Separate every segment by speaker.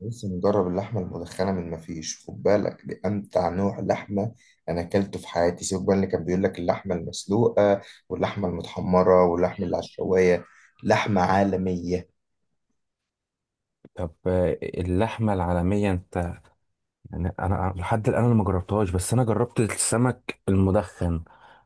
Speaker 1: لسه مجرب اللحمة المدخنة من مفيش، خد بالك دي أمتع نوع لحمة أنا أكلته في حياتي. سيبك بقى اللي كان بيقول لك اللحمة المسلوقة واللحمة المتحمرة واللحمة اللي على الشواية. لحمة عالمية.
Speaker 2: طب اللحمة العالمية انت. يعني انا لحد الان انا ما جربتهاش، بس انا جربت السمك المدخن.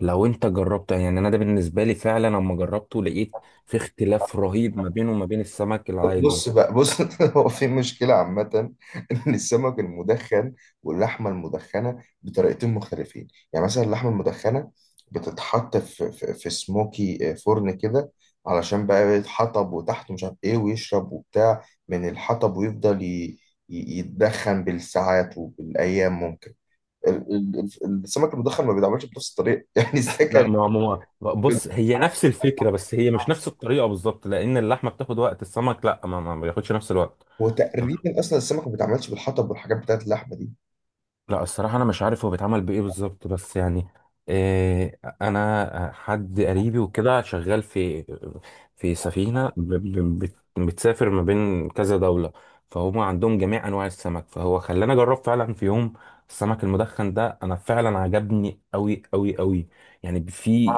Speaker 2: لو انت جربته، يعني انا ده بالنسبة لي فعلا لما جربته لقيت في اختلاف رهيب ما بينه وما بين السمك العادي.
Speaker 1: بص بقى بص هو في مشكلة عامة إن السمك المدخن واللحمة المدخنة بطريقتين مختلفين. يعني مثلا اللحمة المدخنة بتتحط في سموكي فرن كده، علشان بقى يتحطب وتحته مش عارف إيه ويشرب وبتاع من الحطب، ويفضل يتدخن بالساعات وبالأيام ممكن. السمك المدخن ما بيتعملش بنفس الطريقة يعني
Speaker 2: لا بص، هي نفس الفكرة بس هي مش نفس الطريقة بالظبط، لان اللحمة بتاخد وقت، السمك لا ما بياخدش نفس الوقت.
Speaker 1: وتقريبا أصلا السمك ما بيتعملش بالحطب والحاجات بتاعت اللحمة دي.
Speaker 2: لا الصراحة أنا مش عارف هو بيتعمل بإيه بالظبط، بس يعني إيه، أنا حد قريبي وكده شغال في سفينة بتسافر ما بين كذا دولة، فهم عندهم جميع أنواع السمك، فهو خلاني أجرب فعلا في يوم السمك المدخن ده. أنا فعلا عجبني أوي أوي أوي. يعني في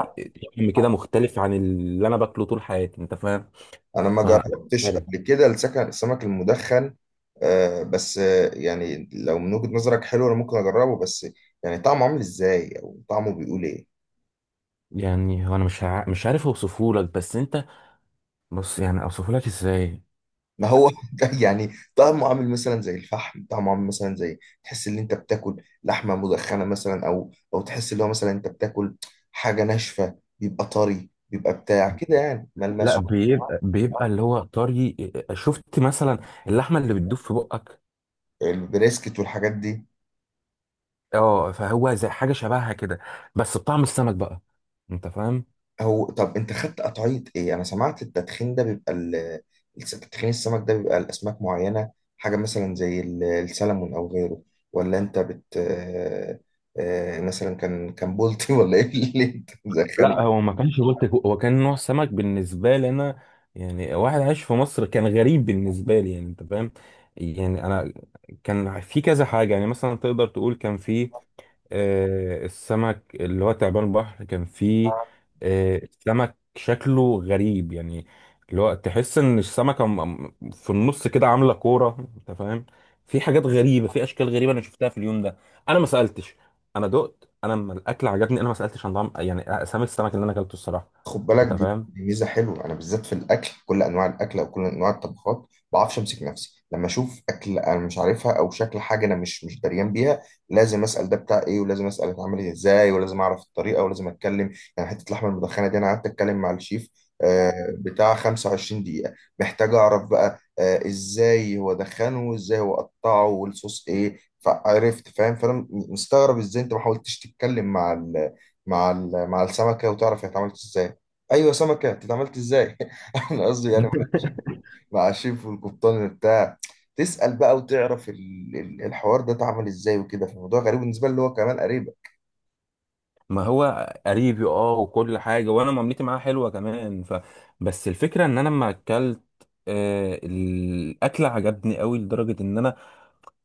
Speaker 2: طعم كده مختلف عن اللي أنا باكله طول حياتي. أنت فاهم؟
Speaker 1: انا ما
Speaker 2: ف-
Speaker 1: جربتش قبل كده السمك المدخن. بس يعني لو من وجهة نظرك حلو انا ممكن اجربه. بس يعني طعمه عامل ازاي او طعمه بيقول ايه؟
Speaker 2: يعني هو أنا مش عارف أوصفهولك، بس أنت، بص يعني أوصفهولك إزاي.
Speaker 1: ما هو يعني طعمه عامل مثلا زي الفحم، طعمه عامل مثلا زي تحس ان انت بتاكل لحمة مدخنة مثلا، او تحس ان هو مثلا انت بتاكل حاجة ناشفة، بيبقى طري، بيبقى بتاع كده يعني
Speaker 2: لا
Speaker 1: ملمسه.
Speaker 2: بيبقى اللي هو طري. شفت مثلا، اللحمه اللي بتدوب في بقك.
Speaker 1: البريسكت والحاجات دي.
Speaker 2: اه، فهو زي حاجه شبهها كده، بس بطعم السمك بقى. انت فاهم.
Speaker 1: هو طب انت خدت قطعية ايه؟ انا سمعت التدخين ده بيبقى تدخين السمك ده بيبقى الاسماك معينة، حاجة مثلا زي السلمون او غيره. ولا انت بت آه، آه، مثلا كان بولتي ولا ايه اللي انت؟
Speaker 2: لا هو ما كانش بلطي، هو كان نوع سمك بالنسبه لي انا. يعني واحد عايش في مصر، كان غريب بالنسبه لي. يعني انت فاهم. يعني انا كان في كذا حاجه، يعني مثلا تقدر تقول كان في السمك اللي هو تعبان البحر. كان فيه سمك شكله غريب، يعني اللي هو تحس ان السمكة في النص كده عاملة كورة. انت فاهم، في حاجات غريبة، في اشكال غريبة انا شفتها في اليوم ده. انا ما سألتش. انا دقت، انا لما الاكل عجبني انا ما سألتش عن طعم يعني اسامي السمك اللي انا اكلته الصراحة.
Speaker 1: خد بالك
Speaker 2: انت
Speaker 1: دي
Speaker 2: فاهم،
Speaker 1: دي ميزه حلوه، انا بالذات في الاكل، كل انواع الاكل او كل انواع الطبخات، ما بعرفش امسك نفسي لما اشوف اكل انا مش عارفها او شكل حاجه انا مش دريان بيها. لازم اسال ده بتاع ايه، ولازم اسال اتعمل ازاي، ولازم اعرف الطريقه، ولازم اتكلم. يعني حته اللحمه المدخنه دي انا قعدت اتكلم مع الشيف آه، بتاع 25 دقيقه، محتاج اعرف بقى ازاي هو دخنه وازاي هو قطعه والصوص ايه، فعرفت فاهم. فانا مستغرب ازاي انت ما حاولتش تتكلم مع ال مع ال مع السمكه وتعرف هي اتعملت ازاي. ايوه سمكه، انت اتعاملت ازاي انا قصدي يعني مع الشيف والقبطان بتاع، تسال بقى وتعرف الحوار ده اتعمل ازاي وكده. فالموضوع غريب بالنسبه لي، اللي هو كمان قريبه.
Speaker 2: ما هو قريبي، اه، وكل حاجة، وانا معاملتي معاه حلوة كمان. بس الفكرة ان انا لما اكلت الاكل عجبني قوي لدرجة ان انا،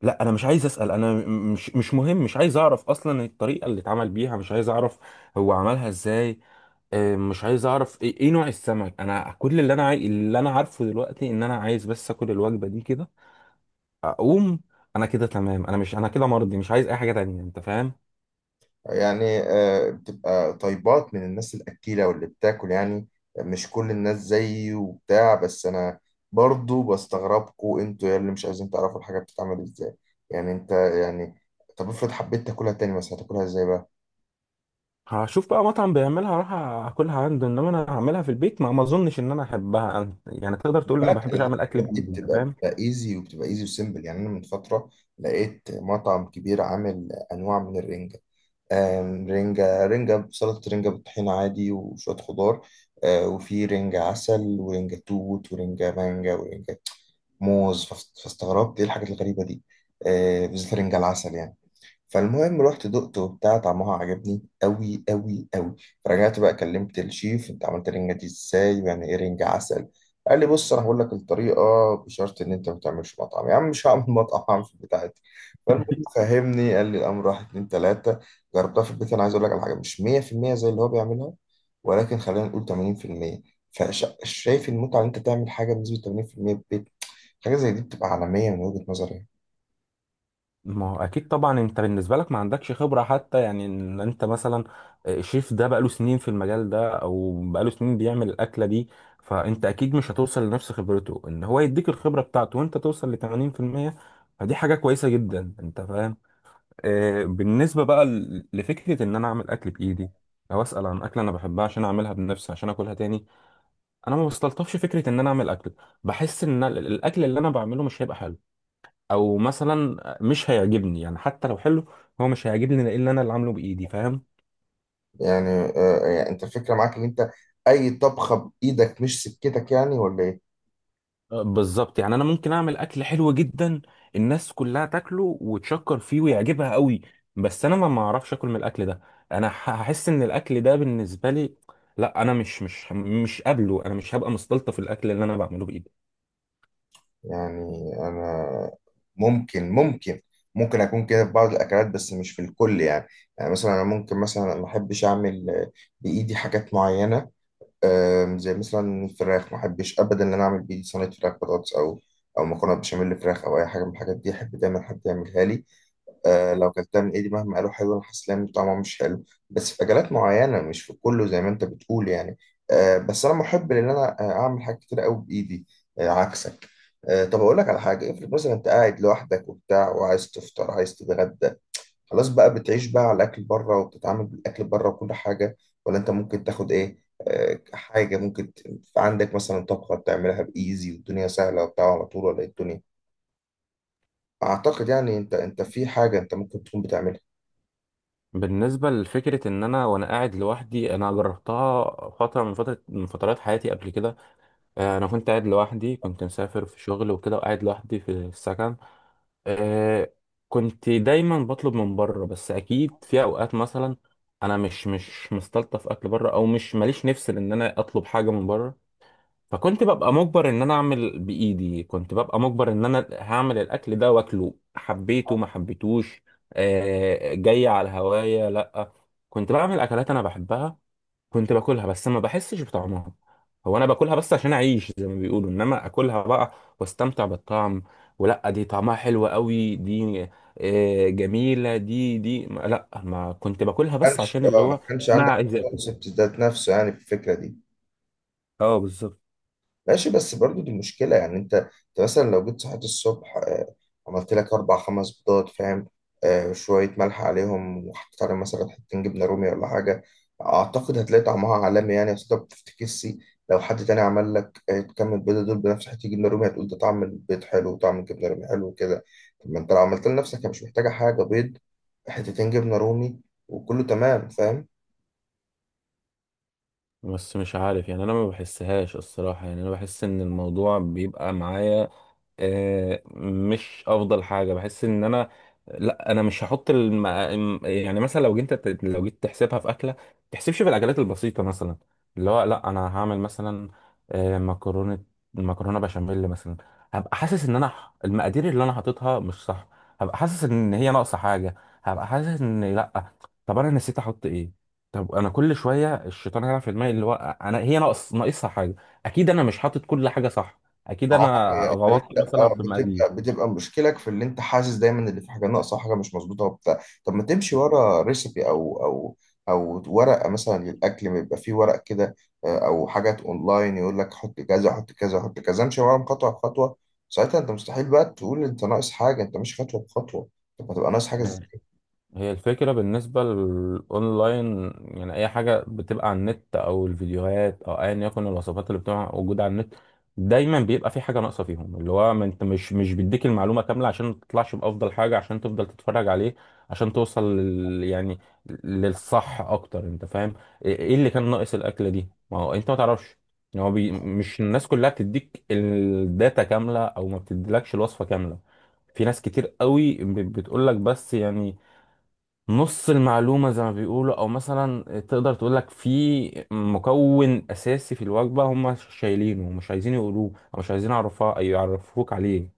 Speaker 2: لا انا مش عايز اسال. انا مش مهم، مش عايز اعرف اصلا الطريقه اللي اتعمل بيها. مش عايز اعرف هو عملها ازاي. مش عايز اعرف إيه نوع السمك. انا كل اللي انا عارفه دلوقتي ان انا عايز بس اكل الوجبه دي كده، اقوم. انا كده تمام، انا كده مرضي. مش عايز اي حاجه تانية. انت فاهم،
Speaker 1: يعني بتبقى طيبات من الناس الاكيله واللي بتاكل يعني. مش كل الناس زيي وبتاع. بس انا برضو بستغربكوا انتوا يا اللي مش عايزين تعرفوا الحاجه بتتعمل ازاي. يعني انت يعني، طب افرض حبيت تاكلها تاني مثلا، هتاكلها ازاي بقى؟
Speaker 2: هشوف بقى مطعم بيعملها اروح اكلها عنده، انما انا هعملها في البيت ما اظنش ان انا احبها. يعني تقدر تقول إن ما
Speaker 1: بالك
Speaker 2: بحبش اعمل اكل
Speaker 1: الحاجات دي
Speaker 2: بايدي. انت
Speaker 1: بتبقى
Speaker 2: فاهم،
Speaker 1: بتبقى ايزي وبتبقى ايزي وسيمبل. يعني انا من فتره لقيت مطعم كبير عامل انواع من الرنجه، رنجه، رنجه سلطه، رنجه بالطحين عادي وشويه خضار، وفي رنجه عسل ورنجه توت ورنجه مانجا ورنجه موز، فاستغربت ايه الحاجات الغريبه دي، بالذات رنجه العسل يعني. فالمهم رحت دقته وبتاع، طعمها عجبني قوي قوي قوي. فرجعت بقى كلمت الشيف، انت عملت الرنجة دي ازاي؟ يعني ايه رنجة عسل؟ قال لي بص انا هقول لك الطريقة بشرط ان انت ما تعملش مطعم. يا عم مش هعمل مطعم، هعمل في بتاعتي. فالمهم فهمني، قال لي الامر واحد اتنين تلاتة. جربتها في البيت. انا عايز اقول لك على حاجة، مش 100% زي اللي هو بيعملها، ولكن خلينا نقول 80%. فشايف المتعة ان انت تعمل حاجة بنسبة 80% في المية في البيت؟ حاجة زي دي بتبقى عالمية من وجهة نظري.
Speaker 2: ما هو اكيد طبعا. انت بالنسبه لك ما عندكش خبره، حتى يعني ان انت مثلا، شيف ده بقاله سنين في المجال ده، او بقاله سنين بيعمل الاكله دي. فانت اكيد مش هتوصل لنفس خبرته، ان هو يديك الخبره بتاعته وانت توصل ل 80%. فدي حاجه كويسه جدا. انت فاهم. بالنسبه بقى لفكره ان انا اعمل اكل بايدي، او اسال عن اكله انا بحبها عشان اعملها بنفسي عشان اكلها تاني، انا ما بستلطفش فكره ان انا اعمل اكل. بحس ان الاكل اللي انا بعمله مش هيبقى حلو، او مثلا مش هيعجبني. يعني حتى لو حلو، هو مش هيعجبني لان انا اللي عامله بايدي. فاهم،
Speaker 1: يعني يعني انت الفكره معاك ان انت اي طبخه بايدك مش سكتك، يعني ولا ايه؟
Speaker 2: بالظبط. يعني انا ممكن اعمل اكل حلو جدا، الناس كلها تاكله وتشكر فيه ويعجبها قوي، بس انا ما اعرفش اكل من الاكل ده. انا هحس ان الاكل ده بالنسبه لي، لا انا مش قابله. انا مش هبقى مستلطف الاكل اللي انا بعمله بايدي.
Speaker 1: يعني انا ممكن، ممكن اكون كده في بعض الاكلات بس مش في الكل يعني. يعني مثلا انا ممكن مثلا ما احبش اعمل بايدي حاجات معينه، زي مثلا الفراخ ما احبش ابدا ان انا اعمل بايدي صينيه فراخ بطاطس او مكرونه بشاميل فراخ او اي حاجه من الحاجات دي. احب دايما حد يعملها لي. آه، لو كلتها من ايدي مهما قالوا حلو انا حاسس ان طعمها مش حلو. بس في اكلات معينه مش في كله زي ما انت بتقول يعني. بس انا محب ان انا اعمل حاجات كتير قوي بايدي. آه عكسك. طب اقول لك على حاجه، افرض مثلا انت قاعد لوحدك وبتاع وعايز تفطر، عايز تتغدى، خلاص بقى بتعيش بقى على الاكل بره وبتتعامل بالاكل بره وكل حاجه؟ ولا انت ممكن تاخد ايه؟ حاجه ممكن عندك مثلا طبخه بتعملها بايزي والدنيا سهله وبتاع على طول؟ ولا إيه الدنيا؟ اعتقد يعني انت في حاجه انت ممكن تكون بتعملها.
Speaker 2: بالنسبه لفكره ان انا وانا قاعد لوحدي، انا جربتها فتره من فترات حياتي قبل كده. انا كنت قاعد لوحدي، كنت مسافر في شغل وكده، وقاعد لوحدي في السكن. آه، كنت دايما بطلب من بره، بس اكيد في اوقات مثلا انا مش مستلطف اكل بره، او مش ماليش نفس ان انا اطلب حاجه من بره. فكنت ببقى مجبر ان انا اعمل بايدي، كنت ببقى مجبر ان انا هعمل الاكل ده واكله، حبيته ما حبيتوش. جاي على هوايا لا، كنت بعمل اكلات انا بحبها، كنت باكلها بس ما بحسش بطعمها. هو انا باكلها بس عشان اعيش زي ما بيقولوا، انما اكلها بقى واستمتع بالطعم. ولا دي طعمها حلو قوي دي، جميلة دي، دي لا ما كنت باكلها بس
Speaker 1: كانش
Speaker 2: عشان اللي
Speaker 1: اه ما
Speaker 2: هو
Speaker 1: كانش
Speaker 2: انا
Speaker 1: عندك
Speaker 2: عايز اكل.
Speaker 1: الكونسبت ذات نفسه يعني في الفكره دي.
Speaker 2: اه بالظبط.
Speaker 1: ماشي، بس برضو دي مشكله. يعني انت مثلا لو جيت صحيت الصبح عملت لك اربع خمس بيضات فاهم، شويه ملح عليهم وحطيت عليهم مثلا حتتين جبنه رومي ولا حاجه، اعتقد هتلاقي طعمها عالمي يعني. اصل انت ما بتفتكسش لو حد تاني عمل لك كم البيضه دول بنفس حته جبنه رومي هتقول ده طعم البيض حلو وطعم الجبنه رومي حلو وكده. طب ما انت لو عملت لنفسك، هي مش محتاجه حاجه، بيض، حتتين جبنه رومي، وكله تمام فاهم.
Speaker 2: بس مش عارف يعني، انا ما بحسهاش الصراحة. يعني انا بحس ان الموضوع بيبقى معايا مش افضل حاجه. بحس ان انا لا، انا مش هحط يعني مثلا لو جيت تحسبها في اكله، ما تحسبش في الاكلات البسيطه مثلا. اللي هو لا، انا هعمل مثلا مكرونه، مكرونه بشاميل مثلا. هبقى حاسس ان المقادير اللي انا حاططها مش صح. هبقى حاسس ان هي ناقصه حاجه. هبقى حاسس ان لا، طب انا نسيت احط ايه. طب انا كل شويه الشيطان هيلعب في دماغي، اللي هو انا هي ناقصها حاجه. اكيد انا مش حاطط كل حاجه صح. اكيد
Speaker 1: اه
Speaker 2: انا
Speaker 1: يعني
Speaker 2: غلطت
Speaker 1: انت
Speaker 2: مثلا في المقادير.
Speaker 1: بتبقى مشكلك في اللي انت حاسس دايما اللي في حاجه ناقصه، حاجه مش مظبوطه وبتاع. طب ما تمشي ورا ريسبي او ورقه مثلا للاكل، ما يبقى فيه ورق كده، او حاجات اونلاين يقول لك حط كذا حط كذا حط كذا، امشي وراهم خطوه بخطوه. ساعتها انت مستحيل بقى تقول انت ناقص حاجه، انت مش خطوه بخطوه. طب ما تبقى ناقص حاجه ازاي؟
Speaker 2: هي الفكرة بالنسبة للأونلاين، يعني أي حاجة بتبقى على النت أو الفيديوهات أو أيا يكن الوصفات اللي بتبقى موجودة على النت، دايما بيبقى في حاجة ناقصة فيهم. اللي هو ما أنت مش بيديك المعلومة كاملة عشان ما تطلعش بأفضل حاجة، عشان تفضل تتفرج عليه، عشان توصل لل يعني للصح أكتر. أنت فاهم إيه اللي كان ناقص الأكلة دي، ما هو أنت ما تعرفش. يعني هو مش الناس كلها بتديك الداتا كاملة، أو ما بتديلكش الوصفة كاملة. في ناس كتير قوي بتقول لك بس يعني نص المعلومة زي ما بيقولوا، أو مثلا تقدر تقولك في مكون أساسي في الوجبة هم شايلينه ومش عايزين يقولوه، أو مش عايزين يعرفوه أي يعرفوك عليه.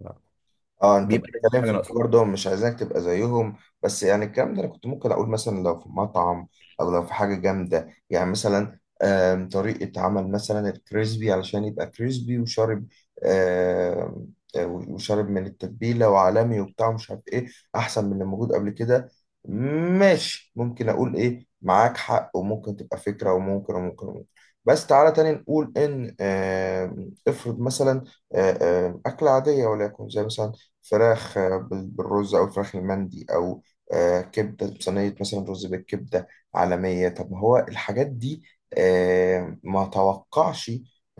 Speaker 1: اه، انت
Speaker 2: بيبقى دايما في
Speaker 1: بتتكلم
Speaker 2: حاجه
Speaker 1: في اللي
Speaker 2: ناقصه.
Speaker 1: برضه مش عايزينك تبقى زيهم. بس يعني الكلام ده انا كنت ممكن اقول مثلا لو في مطعم او لو في حاجه جامده، يعني مثلا طريقه عمل مثلا الكريسبي علشان يبقى كريسبي وشارب، آم، آه، وشارب من التتبيله وعالمي وبتاع مش عارف ايه، احسن من اللي موجود قبل كده. ماشي، ممكن اقول ايه، معاك حق، وممكن تبقى فكره، وممكن وممكن وممكن. بس تعالى تاني نقول ان افرض مثلا آه، أكلة عادية وليكن زي مثلا فراخ بالرز او فراخ المندي او كبده بصينيه مثلا، رز بالكبده، عالميه. طب ما هو الحاجات دي ما توقعش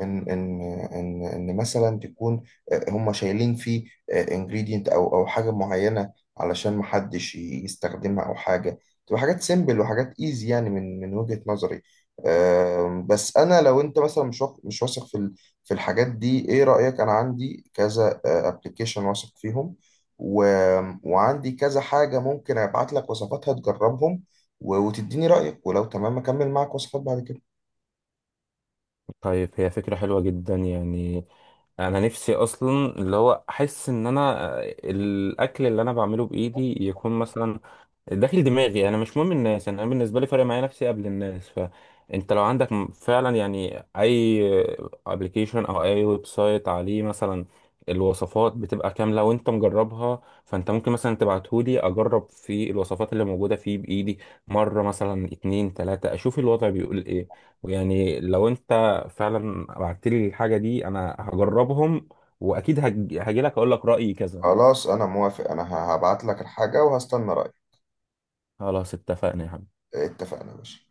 Speaker 1: ان ان ان مثلا تكون هم شايلين فيه انجريدينت او حاجه معينه علشان ما حدش يستخدمها او حاجه، تبقى حاجات سيمبل وحاجات ايزي يعني من وجهه نظري. بس انا لو انت مثلا مش واثق في الحاجات دي، ايه رأيك؟ انا عندي كذا ابلكيشن واثق فيهم، و... وعندي كذا حاجة ممكن ابعت لك وصفاتها تجربهم، وتديني رأيك، ولو تمام اكمل معاك وصفات بعد كده.
Speaker 2: طيب هي فكرة حلوة جدا يعني. أنا نفسي أصلا اللي هو أحس إن أنا، الأكل اللي أنا بعمله بإيدي يكون مثلا داخل دماغي. انا مش مهم الناس، انا بالنسبه لي فارق معايا نفسي قبل الناس. فانت لو عندك فعلا يعني اي ابلكيشن او اي ويب سايت عليه مثلا الوصفات بتبقى كامله وانت مجربها، فانت ممكن مثلا تبعتهولي اجرب في الوصفات اللي موجوده فيه بايدي، مره مثلا اتنين تلاته، اشوف الوضع بيقول ايه. ويعني لو انت فعلا بعتلي الحاجه دي انا هجربهم، واكيد هجيلك اقول لك رايي كذا.
Speaker 1: خلاص انا موافق، انا هبعت لك الحاجة وهستنى رأيك.
Speaker 2: خلاص اتفقنا يا حبيبي.
Speaker 1: اتفقنا يا باشا.